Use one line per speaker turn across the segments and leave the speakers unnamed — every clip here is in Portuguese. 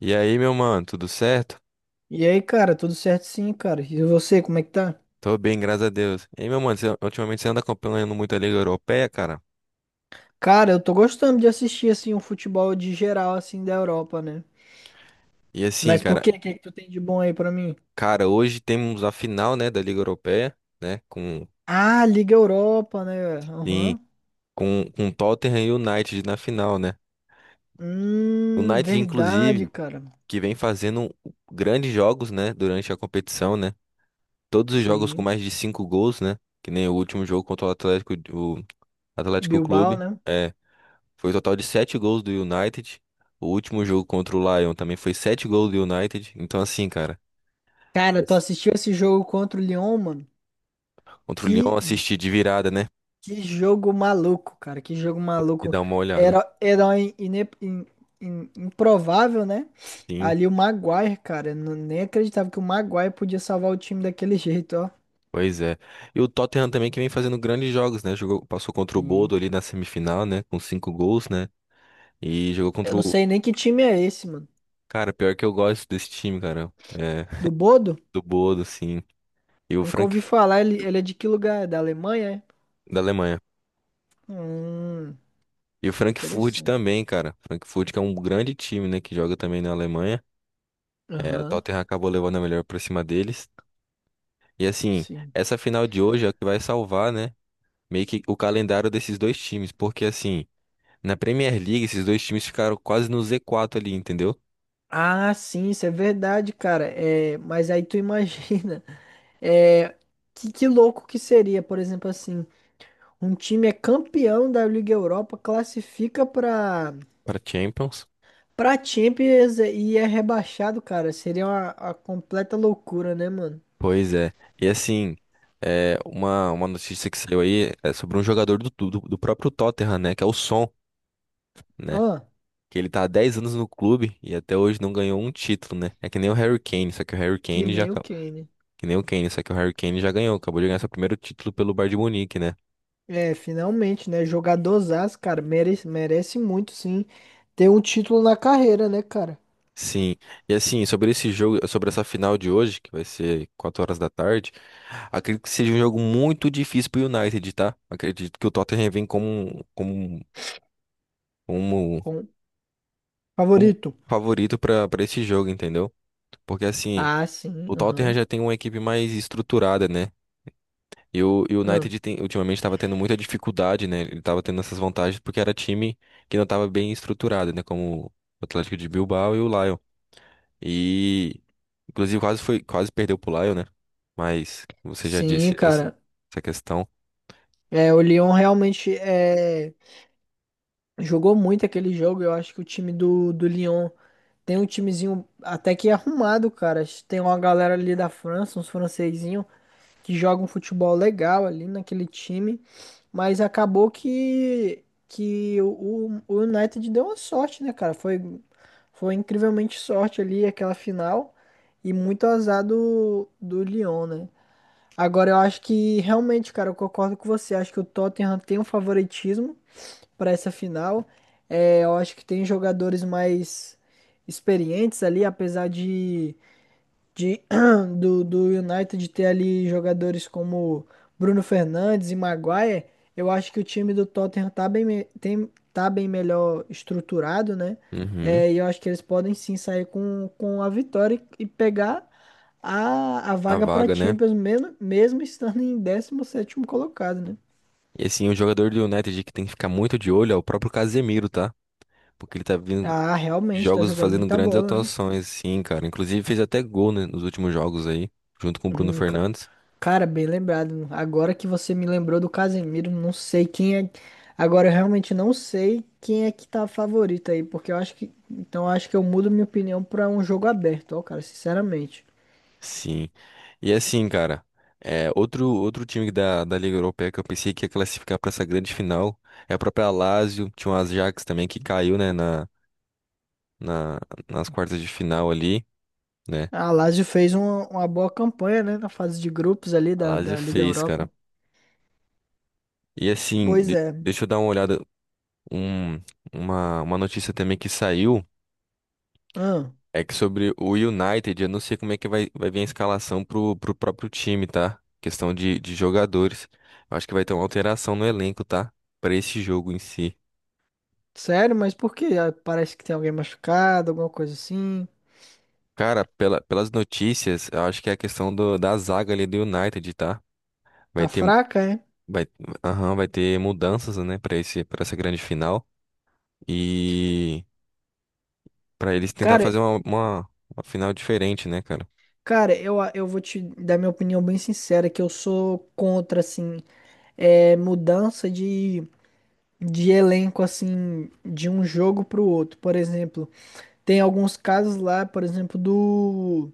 E aí, meu mano, tudo certo?
E aí, cara, tudo certo sim, cara. E você, como é que tá?
Tô bem, graças a Deus. E aí, meu mano, ultimamente você anda acompanhando muito a Liga Europeia, cara?
Cara, eu tô gostando de assistir assim um futebol de geral assim da Europa, né?
E assim,
Mas por
cara,
quê? O que é que tu tem de bom aí pra mim?
cara, hoje temos a final, né, da Liga Europeia, né, com
Ah, Liga Europa, né?
em-
Aham.
com Tottenham e United na final, né? O United
Verdade,
inclusive
cara.
que vem fazendo grandes jogos, né, durante a competição, né? Todos os jogos com
Sim.
mais de 5 gols, né? Que nem o último jogo contra o Atlético
Bilbao,
Clube.
né?
Foi o total de 7 gols do United. O último jogo contra o Lyon também foi 7 gols do United. Então, assim, cara,
Cara, tu
Mas-
assistiu esse jogo contra o Lyon, mano?
contra o Lyon
Que
assistir de virada, né?
Que jogo maluco, cara. Que jogo
E
maluco.
dar uma olhada.
Era, herói improvável, né?
Sim,
Ali o Maguire, cara. Eu não- Nem acreditava que o Maguire podia salvar o time daquele jeito, ó.
pois é. E o Tottenham também que vem fazendo grandes jogos, né? Jogou, passou contra o
Sim.
Bodo ali na semifinal, né? Com 5 gols, né? E jogou
Eu
contra
não
o.
sei nem que time é esse, mano.
Cara, pior que eu gosto desse time, cara. É,
Do Bodo?
do Bodo, sim. E o
Nunca
Frank
ouvi falar. Ele é de que lugar? É da Alemanha, é?
Da Alemanha.
Hum,
E o Frankfurt
interessante.
também, cara. Frankfurt que é um grande time, né? Que joga também na Alemanha. É, o
Aham,
Tottenham acabou levando a melhor pra cima deles. E assim,
sim.
essa final de hoje é o que vai salvar, né? Meio que o calendário desses dois times. Porque assim, na Premier League, esses dois times ficaram quase no Z4 ali, entendeu?
Ah, sim, isso é verdade, cara. É, mas aí tu imagina. É, que louco que seria, por exemplo, assim. Um time é campeão da Liga Europa, classifica
Pra Champions.
pra Champions e é rebaixado, cara. Seria uma completa loucura, né, mano?
Pois é. E assim, é, uma notícia que saiu aí é sobre um jogador do próprio Tottenham, né? Que é o Son, né?
Ah,
Que ele tá há 10 anos no clube e até hoje não ganhou um título, né? É que nem o Harry Kane, só que o Harry
que
Kane já,
nem o Kane.
que nem o Kane, só que o Harry Kane já ganhou, acabou de ganhar seu primeiro título pelo Bayern de Munique, né?
É, finalmente, né? Jogadorzaço, cara. Merece, merece muito, sim. Ter um título na carreira, né, cara?
Sim. E assim, sobre esse jogo, sobre essa final de hoje, que vai ser 4 horas da tarde, acredito que seja um jogo muito difícil pro United, tá? Acredito que o Tottenham vem como,
Com
como
favorito.
favorito pra para esse jogo, entendeu? Porque assim,
Ah,
o
sim,
Tottenham
aham.
já tem uma equipe mais estruturada, né? E o
Aham.
United ultimamente estava tendo muita dificuldade, né? Ele estava tendo essas vantagens porque era time que não estava bem estruturado, né? Como o Atlético de Bilbao e o Lyon. E inclusive quase foi, quase perdeu pro Lyon, né? Mas você já
Sim,
disse essa,
cara.
essa questão.
É, o Lyon realmente é. Jogou muito aquele jogo, eu acho que o time do Lyon tem um timezinho até que arrumado, cara. Tem uma galera ali da França, uns francesinhos, que jogam um futebol legal ali naquele time, mas acabou que o United deu uma sorte, né, cara? Foi incrivelmente sorte ali aquela final e muito azar do Lyon, né? Agora eu acho que realmente, cara, eu concordo com você, acho que o Tottenham tem um favoritismo para essa final. É, eu acho que tem jogadores mais experientes ali, apesar de do United ter ali jogadores como Bruno Fernandes e Maguire. Eu acho que o time do Tottenham tá bem, tem, tá bem melhor estruturado, né?
Uhum.
É, e eu acho que eles podem sim sair com a vitória e pegar a
A
vaga para
vaga, né?
Champions, mesmo, mesmo estando em 17º colocado, né?
E assim, o jogador do United que tem que ficar muito de olho é o próprio Casemiro, tá? Porque ele tá vindo
Ah,
de
realmente, tá
jogos
jogando
fazendo
muita
grandes
bola, né?
atuações, sim, cara. Inclusive fez até gol, né, nos últimos jogos aí, junto com o Bruno
Hum, ca-
Fernandes.
Cara, bem lembrado. Agora que você me lembrou do Casemiro, não sei quem é. Agora eu realmente não sei quem é que tá favorito aí, porque eu acho que. Então eu acho que eu mudo minha opinião pra um jogo aberto, ó, cara, sinceramente.
Sim. E assim, cara, é, outro, outro time da, da Liga Europeia que eu pensei que ia classificar para essa grande final é a própria Lazio, tinha o Ajax também que caiu, né, na, nas quartas de final ali, né?
A Lazio fez uma boa campanha, né, na fase de grupos ali
A Lazio
da Liga
fez, cara.
Europa.
E assim,
Pois é.
deixa eu dar uma olhada, um, uma notícia também que saiu
Ah,
é que sobre o United, eu não sei como é que vai vir a escalação pro próprio time, tá? Questão de jogadores. Eu acho que vai ter uma alteração no elenco, tá? Para esse jogo em si.
sério, mas por quê? Ah, parece que tem alguém machucado, alguma coisa assim.
Cara, pelas notícias, eu acho que é a questão da zaga ali do United, tá? Vai
Tá
ter,
fraca, é?
vai, aham, vai ter mudanças, né, pra esse, para essa grande final. E pra eles tentar
Cara,
fazer uma final diferente, né, cara?
cara, eu vou te dar minha opinião bem sincera, que eu sou contra, assim. É, mudança de elenco, assim, de um jogo pro outro. Por exemplo, tem alguns casos lá, por exemplo, do.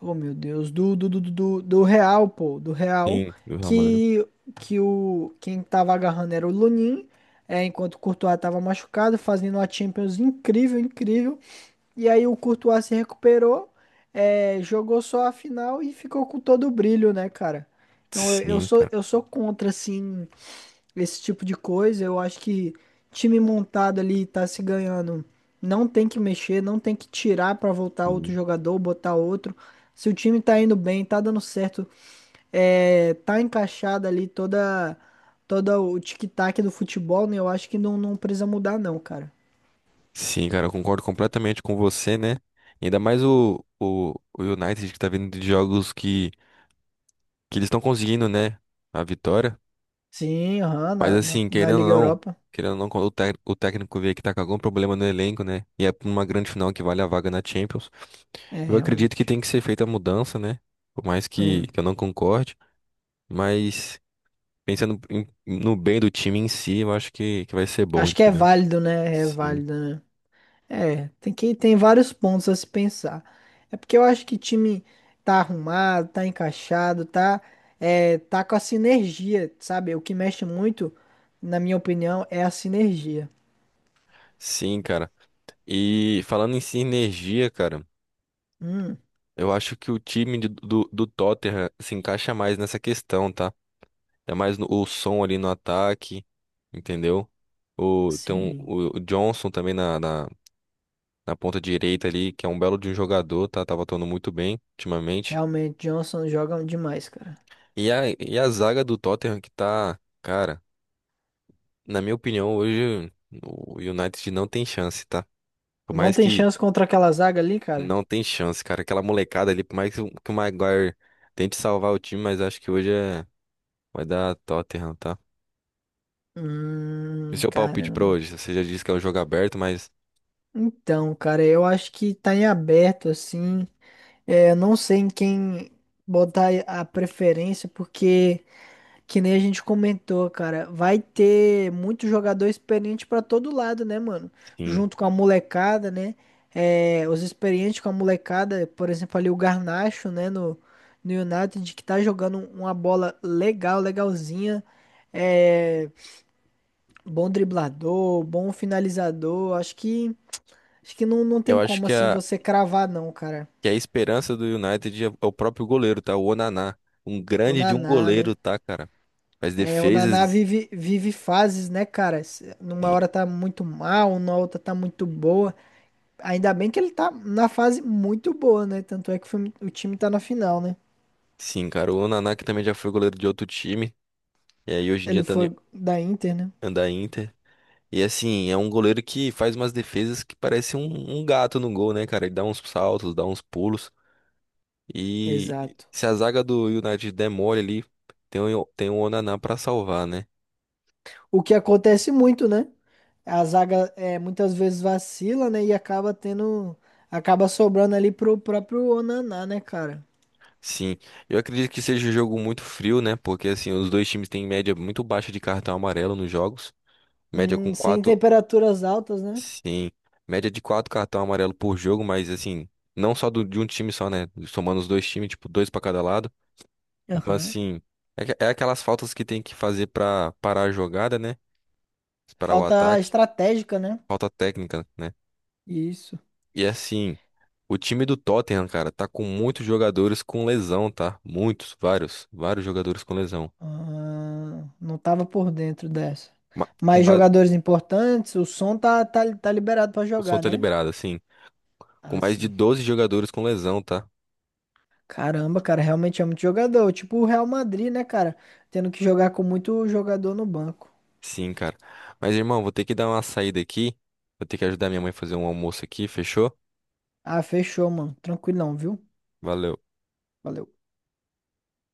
Oh, meu Deus, do Real, pô, do Real,
Sim. Do Real Madrid.
que, que o, quem tava agarrando era o Lunin. É, enquanto o Courtois tava machucado, fazendo uma Champions incrível, incrível. E aí o Courtois se recuperou, é, jogou só a final e ficou com todo o brilho, né, cara? Então
Sim, cara.
eu sou contra, assim, esse tipo de coisa, eu acho que time montado ali tá se ganhando. Não tem que mexer, não tem que tirar pra voltar outro
Sim,
jogador, botar outro. Se o time tá indo bem, tá dando certo, é, tá encaixado ali toda o tic-tac do futebol, né? Eu acho que não, não precisa mudar não, cara.
sim, cara, eu concordo completamente com você, né? Ainda mais o United que tá vindo de jogos que eles estão conseguindo, né? A vitória.
Sim, aham,
Mas assim,
na Liga Europa.
querendo ou não, quando o técnico vê que tá com algum problema no elenco, né? E é pra uma grande final que vale a vaga na Champions.
É,
Eu acredito que
realmente.
tem que ser feita a mudança, né? Por mais que
Hum.
eu não concorde, mas pensando no bem do time em si, eu acho que vai ser bom,
Acho que é
entendeu?
válido, né? É
Sim.
válido, né? É, tem vários pontos a se pensar. É porque eu acho que time tá arrumado, tá encaixado, tá é, tá com a sinergia, sabe? O que mexe muito, na minha opinião, é a sinergia.
Sim, cara. E falando em sinergia, cara,
Hum,
eu acho que o time do Tottenham se encaixa mais nessa questão, tá? É mais o som ali no ataque, entendeu? O, tem um,
sim.
o Johnson também na ponta direita ali, que é um belo de um jogador, tá, tava atuando muito bem ultimamente.
Realmente, Johnson joga demais, cara.
E a zaga do Tottenham que tá, cara, na minha opinião, hoje o United não tem chance, tá? Por
Não
mais
tem
que
chance contra aquela zaga ali, cara?
não tem chance, cara. Aquela molecada ali, por mais que o Maguire tente salvar o time, mas acho que hoje é, vai dar Tottenham, tá? E o seu palpite pra
Caramba.
hoje? Você já disse que é um jogo aberto, mas
Então, cara, eu acho que tá em aberto, assim. É, eu não sei em quem botar a preferência, porque. Que nem a gente comentou, cara, vai ter muito jogador experiente pra todo lado, né, mano?
sim.
Junto com a molecada, né? É, os experientes com a molecada, por exemplo, ali o Garnacho, né, no United, que tá jogando uma bola legal, legalzinha. É, bom driblador, bom finalizador. Acho que não, não tem
Eu acho
como,
que
assim,
a,
você cravar, não, cara.
que a esperança do United é o próprio goleiro, tá? O Onaná. Um
O
grande de um
Naná, né?
goleiro, tá, cara? Faz
É, o Naná
defesas.
vive fases, né, cara? Se- Numa
Sim,
hora tá muito mal, na outra tá muito boa. Ainda bem que ele tá na fase muito boa, né? Tanto é que o time tá na final, né?
sim, cara. O Onaná que também já foi goleiro de outro time. E aí hoje em
Ele
dia tá no
foi da Inter, né?
anda Inter. E assim, é um goleiro que faz umas defesas que parece um gato no gol, né, cara? Ele dá uns saltos, dá uns pulos. E
Exato.
se a zaga do United der mole ali, tem o Onaná pra salvar, né?
O que acontece muito, né? A zaga é, muitas vezes vacila, né? E acaba tendo. Acaba sobrando ali pro próprio Onaná, né, cara?
Sim, eu acredito que seja um jogo muito frio, né? Porque assim, os dois times têm média muito baixa de cartão amarelo nos jogos. Média com
Sem
quatro,
temperaturas altas, né?
sim, média de 4 cartão amarelo por jogo, mas assim, não só de um time só, né? Somando os dois times, tipo, dois pra cada lado. Então,
Aham.
assim, é aquelas faltas que tem que fazer pra parar a jogada, né? Parar o
Falta
ataque,
estratégica, né?
falta técnica, né?
Isso.
E assim, o time do Tottenham, cara, tá com muitos jogadores com lesão, tá? Muitos, vários jogadores com lesão.
Ah, não tava por dentro dessa.
Ma-
Mas
com
jogadores importantes, o som tá liberado pra
O som
jogar,
tá
né?
liberado, assim. Com
Ah,
mais de
sim.
12 jogadores com lesão, tá?
Caramba, cara, realmente é muito jogador. Tipo o Real Madrid, né, cara? Tendo que jogar com muito jogador no banco.
Sim, cara. Mas, irmão, vou ter que dar uma saída aqui. Vou ter que ajudar minha mãe a fazer um almoço aqui, fechou?
Ah, fechou, mano. Tranquilão, viu?
Valeu.
Valeu.